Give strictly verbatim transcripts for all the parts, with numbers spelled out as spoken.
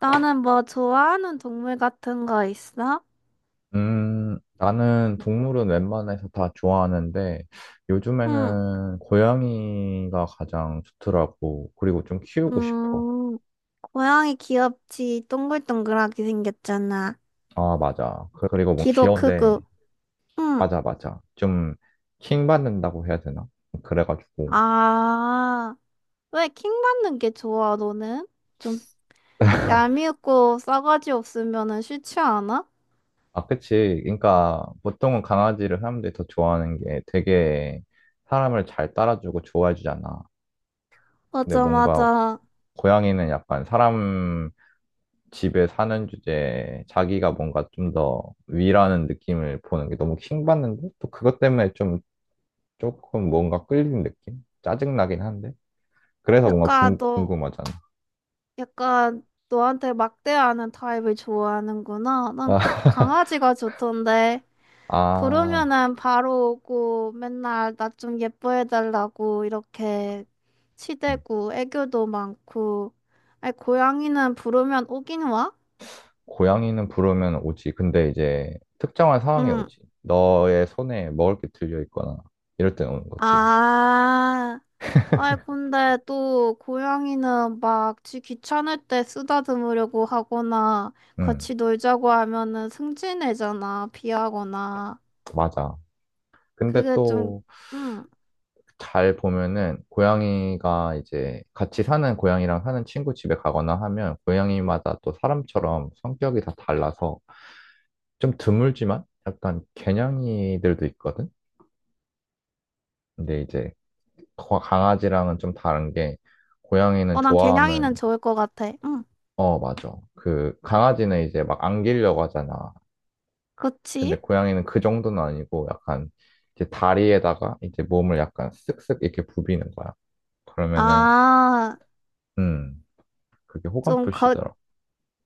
나는 뭐 좋아하는 동물 같은 거 있어? 음, 나는 동물은 웬만해서 다 좋아하는데 응. 요즘에는 고양이가 가장 좋더라고. 그리고 좀 키우고 싶어. 음, 고양이 귀엽지. 동글동글하게 생겼잖아. 아, 맞아. 그- 그리고 뭐 귀도 귀여운데, 크고. 응. 맞아, 맞아. 좀 킹받는다고 해야 되나? 그래가지고. 아, 왜 킹 받는 게 좋아, 너는? 좀 얄미우고 싸가지 없으면은 싫지 않아? 아, 그치. 그러니까 보통은 강아지를 사람들이 더 좋아하는 게 되게 사람을 잘 따라주고 좋아해주잖아. 근데 맞아, 뭔가 맞아. 고양이는 약간 사람 집에 사는 주제에 자기가 뭔가 좀 더 위라는 느낌을 보는 게 너무 킹받는데 또 그것 때문에 좀 조금 뭔가 끌리는 느낌? 짜증나긴 한데 그래서 뭔가 약간 궁, 너, 궁금하잖아. 약간 너한테 막대하는 타입을 좋아하는구나. 난 고- 아, 강아지가 좋던데. 아, 부르면은 바로 오고 맨날 나 좀 예뻐해달라고 이렇게 음. 치대고 애교도 많고. 아니, 고양이는 부르면 오긴 와? 고양이는 부르면 오지. 근데 이제 특정한 상황에 응. 오지. 너의 손에 먹을 게 들려 있거나 이럴 때 오는 거지. 아, 아이, 근데 또 고양이는 막 지 귀찮을 때 쓰다듬으려고 하거나 응, 같이 놀자고 하면은 승진해잖아, 비하거나. 맞아. 근데 그게 좀, 또 응. 잘 보면은 고양이가 이제 같이 사는 고양이랑 사는 친구 집에 가거나 하면 고양이마다 또 사람처럼 성격이 다 달라서 좀 드물지만 약간 개냥이들도 있거든. 근데 이제 거- 강아지랑은 좀 다른 게 고양이는 어, 난 좋아하면 개냥이는 좋을 것 같아. 응. 어 맞아. 그 강아지는 이제 막 안기려고 하잖아. 근데 그치? 고양이는 그 정도는 아니고 약간 이제 다리에다가 이제 몸을 약간 쓱쓱 이렇게 부비는 거야. 그러면은 아, 음 그게 호감 좀 거, 표시더라.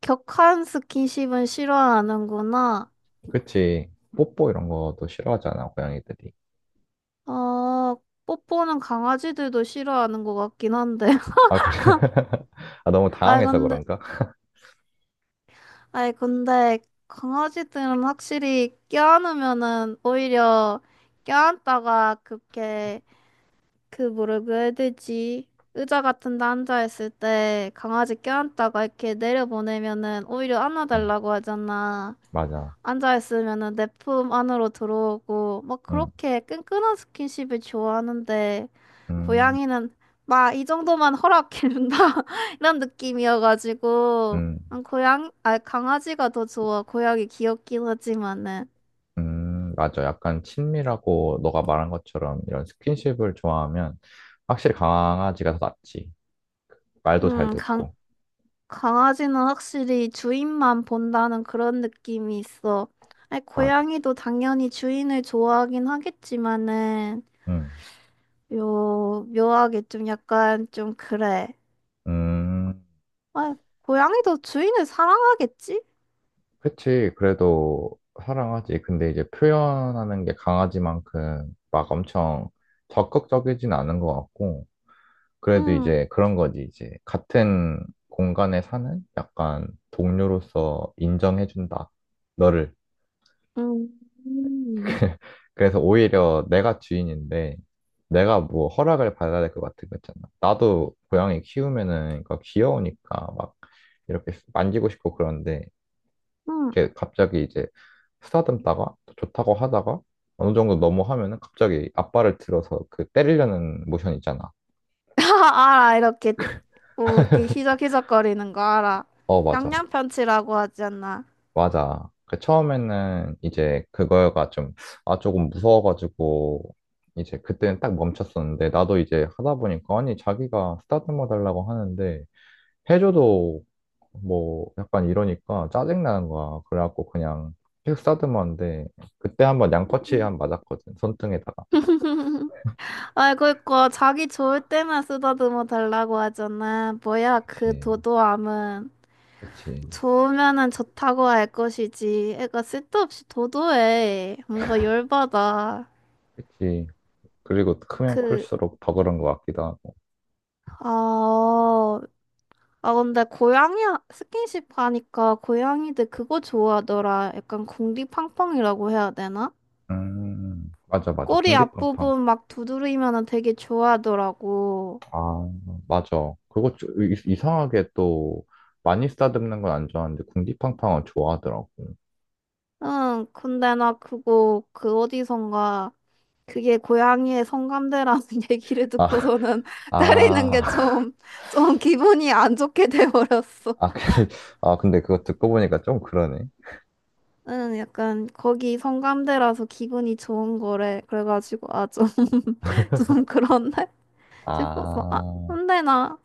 격한 스킨십은 싫어하는구나. 그치. 뽀뽀 이런 것도 싫어하잖아, 고양이들이. 어, 뽀뽀는 강아지들도 싫어하는 것 같긴 한데. 아, 그래? 아, 너무 아이, 당황해서 근데, 그런가? 아이, 근데, 강아지들은 확실히 껴안으면은 오히려 껴안다가 그렇게, 그 뭐라고 해야 되지? 의자 같은 데 앉아있을 때 강아지 껴안다가 이렇게 내려보내면은 오히려 응, 안아달라고 하잖아. 맞아. 앉아있으면은 내 품 안으로 들어오고, 막 응, 그렇게 끈끈한 스킨십을 좋아하는데, 음, 고양이는 막 이 정도만 허락해준다? 이런 느낌이어가지고, 음, 난 고양, 아, 강아지가 더 좋아. 고양이 귀엽긴 하지만은. 음, 맞아. 약간 친밀하고 너가 말한 것처럼 이런 스킨십을 좋아하면 확실히 강아지가 더 낫지. 말도 잘 음, 강, 듣고. 강아지는 확실히 주인만 본다는 그런 느낌이 있어. 아니, 맞아. 고양이도 당연히 주인을 좋아하긴 하겠지만은, 응, 요, 묘하게 좀 약간 좀 그래. 음, 아, 고양이도 주인을 사랑하겠지? 그치. 그래도 사랑하지. 근데 이제 표현하는 게 강아지만큼 막 엄청 적극적이진 않은 것 같고. 그래도 응, 이제 그런 거지, 이제. 같은 공간에 사는 약간 동료로서 인정해준다. 너를. 응 응 그래서 오히려 내가 주인인데, 내가 뭐 허락을 받아야 될 것 같은 거 있잖아. 나도 고양이 키우면은, 그러니까 귀여우니까 막 이렇게 만지고 싶고 그런데, 응. 이렇게 갑자기 이제 쓰다듬다가 또 좋다고 하다가 어느 정도 넘어하면은 갑자기 앞발을 들어서 그 때리려는 모션 있잖아. 알아, 이렇게, 뭐, 이렇게 희적희적거리는 거 알아. 어, 맞아. 양양편치라고 하지 않나? 맞아. 그 처음에는 이제 그거가 좀, 아, 조금 무서워가지고, 이제 그때는 딱 멈췄었는데, 나도 이제 하다 보니까, 아니, 자기가 스타트머 달라고 하는데, 해줘도 뭐, 약간 이러니까 짜증나는 거야. 그래갖고 그냥, 픽 스타트머인데, 그때 한번 양꼬치 한 맞았거든. 손등에다가. 아이, 그니까, 자기 좋을 때만 쓰다듬어 달라고 하잖아. 뭐야, 그 그치, 도도함은. 그치, 좋으면은 좋다고 할 것이지. 애가 쓸데없이 도도해. 뭔가 열받아. 그치. 그리고 크면 그, 클수록 더 그런 것 같기도 하고. 아, 아, 근데 고양이 스킨십 하니까 고양이들 그거 좋아하더라. 약간 궁디팡팡이라고 해야 되나? 음, 맞아, 맞아. 꼬리 궁디팡팡. 앞부분 막 두드리면은 되게 좋아하더라고. 아, 맞아. 그거 좀 이- 이상하게 또 많이 싸듬는 건 안 좋아하는데 궁디팡팡은 좋아하더라고. 응, 근데 나 그거 그 어디선가 그게 고양이의 성감대라는 얘기를 아, 듣고서는 때리는 게 아, 좀, 좀 기분이 안 좋게 돼버렸어. 아, 근데, 아, 근데 그거 듣고 보니까 좀 그러네. 응, 약간 거기 성감대라서 기분이 좋은 거래. 그래가지고 아, 좀, 좀 그렇네. 싶어서. 아, 아, 근데 나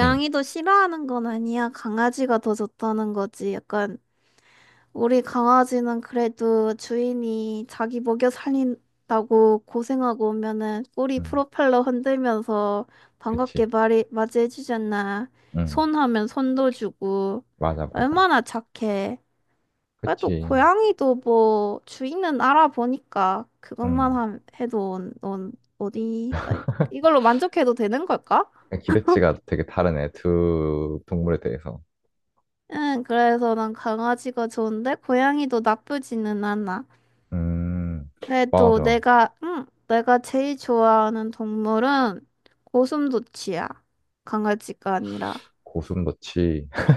응, 싫어하는 건 아니야. 강아지가 더 좋다는 거지. 약간 우리 강아지는 그래도 주인이 자기 먹여 살린다고 고생하고 오면은 꼬리 응, 프로펠러 흔들면서 그치. 반갑게 말이 맞이해 주잖아. 응, 손 하면 손도 주고. 맞아, 맞아. 얼마나 착해. 그래도 그치. 고양이도 뭐 주인은 알아보니까 그것만 응. 함- 해도 넌 어디 아니, 이걸로 만족해도 되는 걸까? 기대치가 되게 다르네. 두 동물에 대해서. 응, 그래서 난 강아지가 좋은데 고양이도 나쁘지는 않아. 음, 그래도 맞아. 내가, 응, 내가 제일 좋아하는 동물은 고슴도치야. 강아지가 아니라. 고슴도치.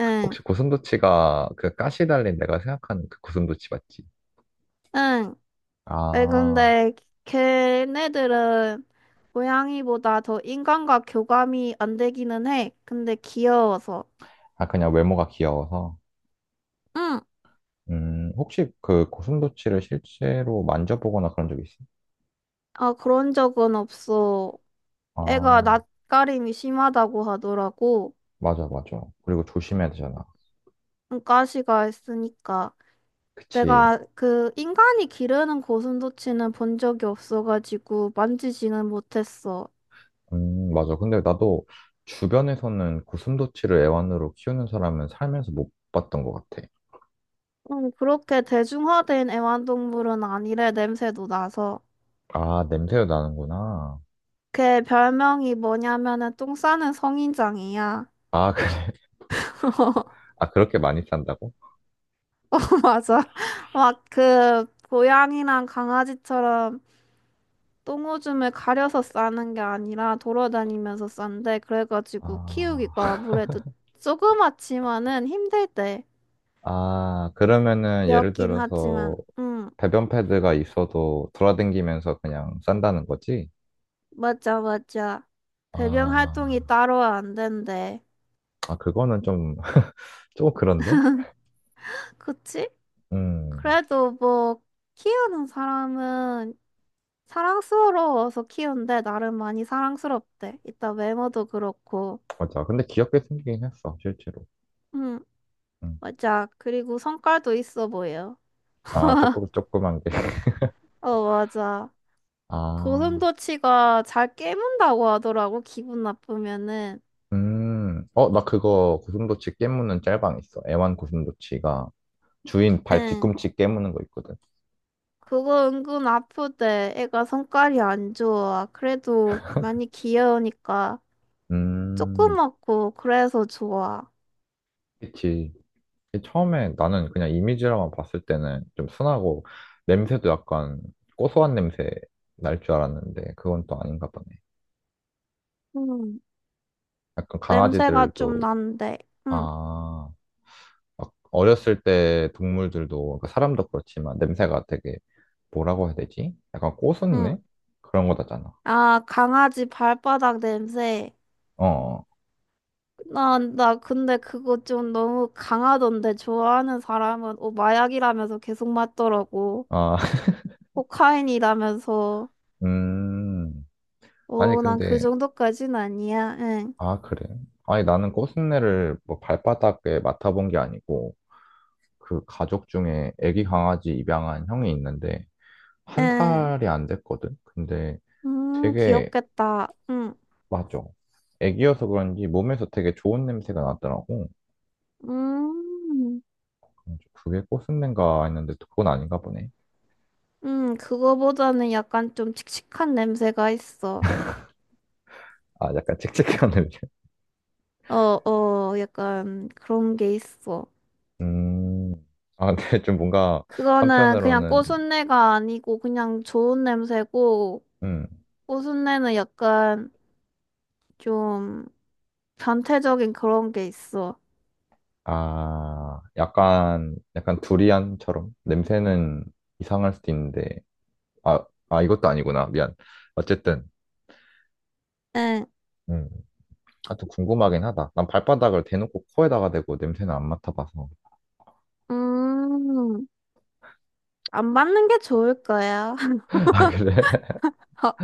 응, 혹시 고슴도치가 그 가시 달린 내가 생각하는 그 고슴도치 맞지? 응. 왜 아. 근데 걔네들은 고양이보다 더 인간과 교감이 안 되기는 해. 근데 귀여워서. 아, 그냥 외모가 귀여워서. 응, 음, 혹시 그 고슴도치를 실제로 만져보거나 그런 적 있어? 아, 그런 적은 없어. 애가 아, 낯가림이 심하다고 하더라고. 맞아, 맞아. 그리고 조심해야 되잖아. 응, 가시가 있으니까. 그치. 내가 그 인간이 기르는 고슴도치는 본 적이 없어가지고 만지지는 못했어. 음, 맞아. 근데 나도 주변에서는 고슴도치를 애완으로 키우는 사람은 살면서 못 봤던 것 같아. 음, 그렇게 대중화된 애완동물은 아니래, 냄새도 나서. 아, 냄새도 나는구나. 걔 별명이 뭐냐면은 똥 싸는 성인장이야. 아, 그래. 아, 그렇게 많이 산다고? 맞아. 막 그 고양이랑 강아지처럼 똥오줌을 가려서 싸는 게 아니라 돌아다니면서 싼데 그래가지고 아, 키우기가 아무래도 조그맣지만은 힘들대. 아, 그러면은 예를 귀엽긴 하지만, 들어서 응. 배변 패드가 있어도 돌아다니면서 그냥 싼다는 거지? 맞아, 맞아. 배변 아. 활동이 따로 안 된대. 아, 그거는 좀, 조금 그런데? 그치? 음, 그래도 뭐, 키우는 사람은 사랑스러워서 키운대. 나름 많이 사랑스럽대. 이따 외모도 그렇고. 맞아. 근데 귀엽게 생기긴 했어, 실제로. 응, 음. 맞아. 그리고 성깔도 있어 보여. 아, 조금, 조그만 게. 어, 맞아. 아, 고슴도치가 잘 깨문다고 하더라고, 기분 나쁘면은. 음. 어, 나 그거 고슴도치 깨무는 짤방 있어. 애완 고슴도치가 주인 발 응. 뒤꿈치 깨무는 거 있거든. 그거 은근 아프대. 애가 성깔이 안 좋아. 그래도 많이 귀여우니까. 음, 조그맣고 그래서 좋아. 그치. 처음에 나는 그냥 이미지로만 봤을 때는 좀 순하고 냄새도 약간 고소한 냄새 날 줄 알았는데 그건 또 아닌가 보네. 음, 약간 냄새가 좀 강아지들도, 난데. 응, 아, 막 어렸을 때 동물들도 그러니까 사람도 그렇지만 냄새가 되게 뭐라고 해야 되지? 약간 꼬순 응. 내 그런 거다잖아. 아, 강아지 발바닥 냄새. 어. 어. 나, 나 근데 그거 좀 너무 강하던데 좋아하는 사람은 어, 마약이라면서 계속 맞더라고. 아, 코카인이라면서. 음. 아니 오, 난 그 근데 정도까진 아니야. 응, 아 그래. 아니 나는 꼬순내를 뭐 발바닥에 맡아본 게 아니고 그 가족 중에 애기 강아지 입양한 형이 있는데 한 응. 살이 안 됐거든. 근데 음, 되게 귀엽겠다. 응, 맞아. 애기여서 그런지 몸에서 되게 좋은 냄새가 나더라고. 음, 그래서 그게 꼬순내인가 했는데 그건 아닌가 보네. 음, 그거보다는 약간 좀 칙칙한 냄새가 있어. 아, 약간 칙칙한네요 어, 어, 약간 그런 게 있어. 음, 아, 근데 좀 뭔가 그거는 그냥 한편으로는, 꽃순내가 아니고 그냥 좋은 냄새고, 음, 꽃순내는 약간 좀 변태적인 그런 게 있어. 아, 약간, 약간 두리안처럼 냄새는 이상할 수도 있는데, 아, 아, 이것도 아니구나. 미안. 어쨌든, 응, 음, 아, 튼 궁금하긴 하다. 난 발바닥을 대놓고 코에다가 대고 냄새는 안 맡아봐서. 음, 안 받는 게 좋을 거야. 아, 그래? 어,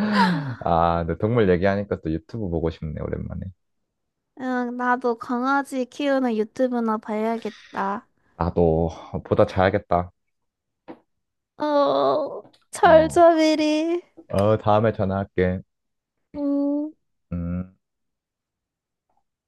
아, 근데 동물 얘기하니까 또 유튜브 보고 싶네, 오랜만에. 응, 나도 강아지 키우는 유튜브나 봐야겠다. 나도 보다 자야겠다. 어, 어, 철저미리. 어, 다음에 전화할게. 음. 음.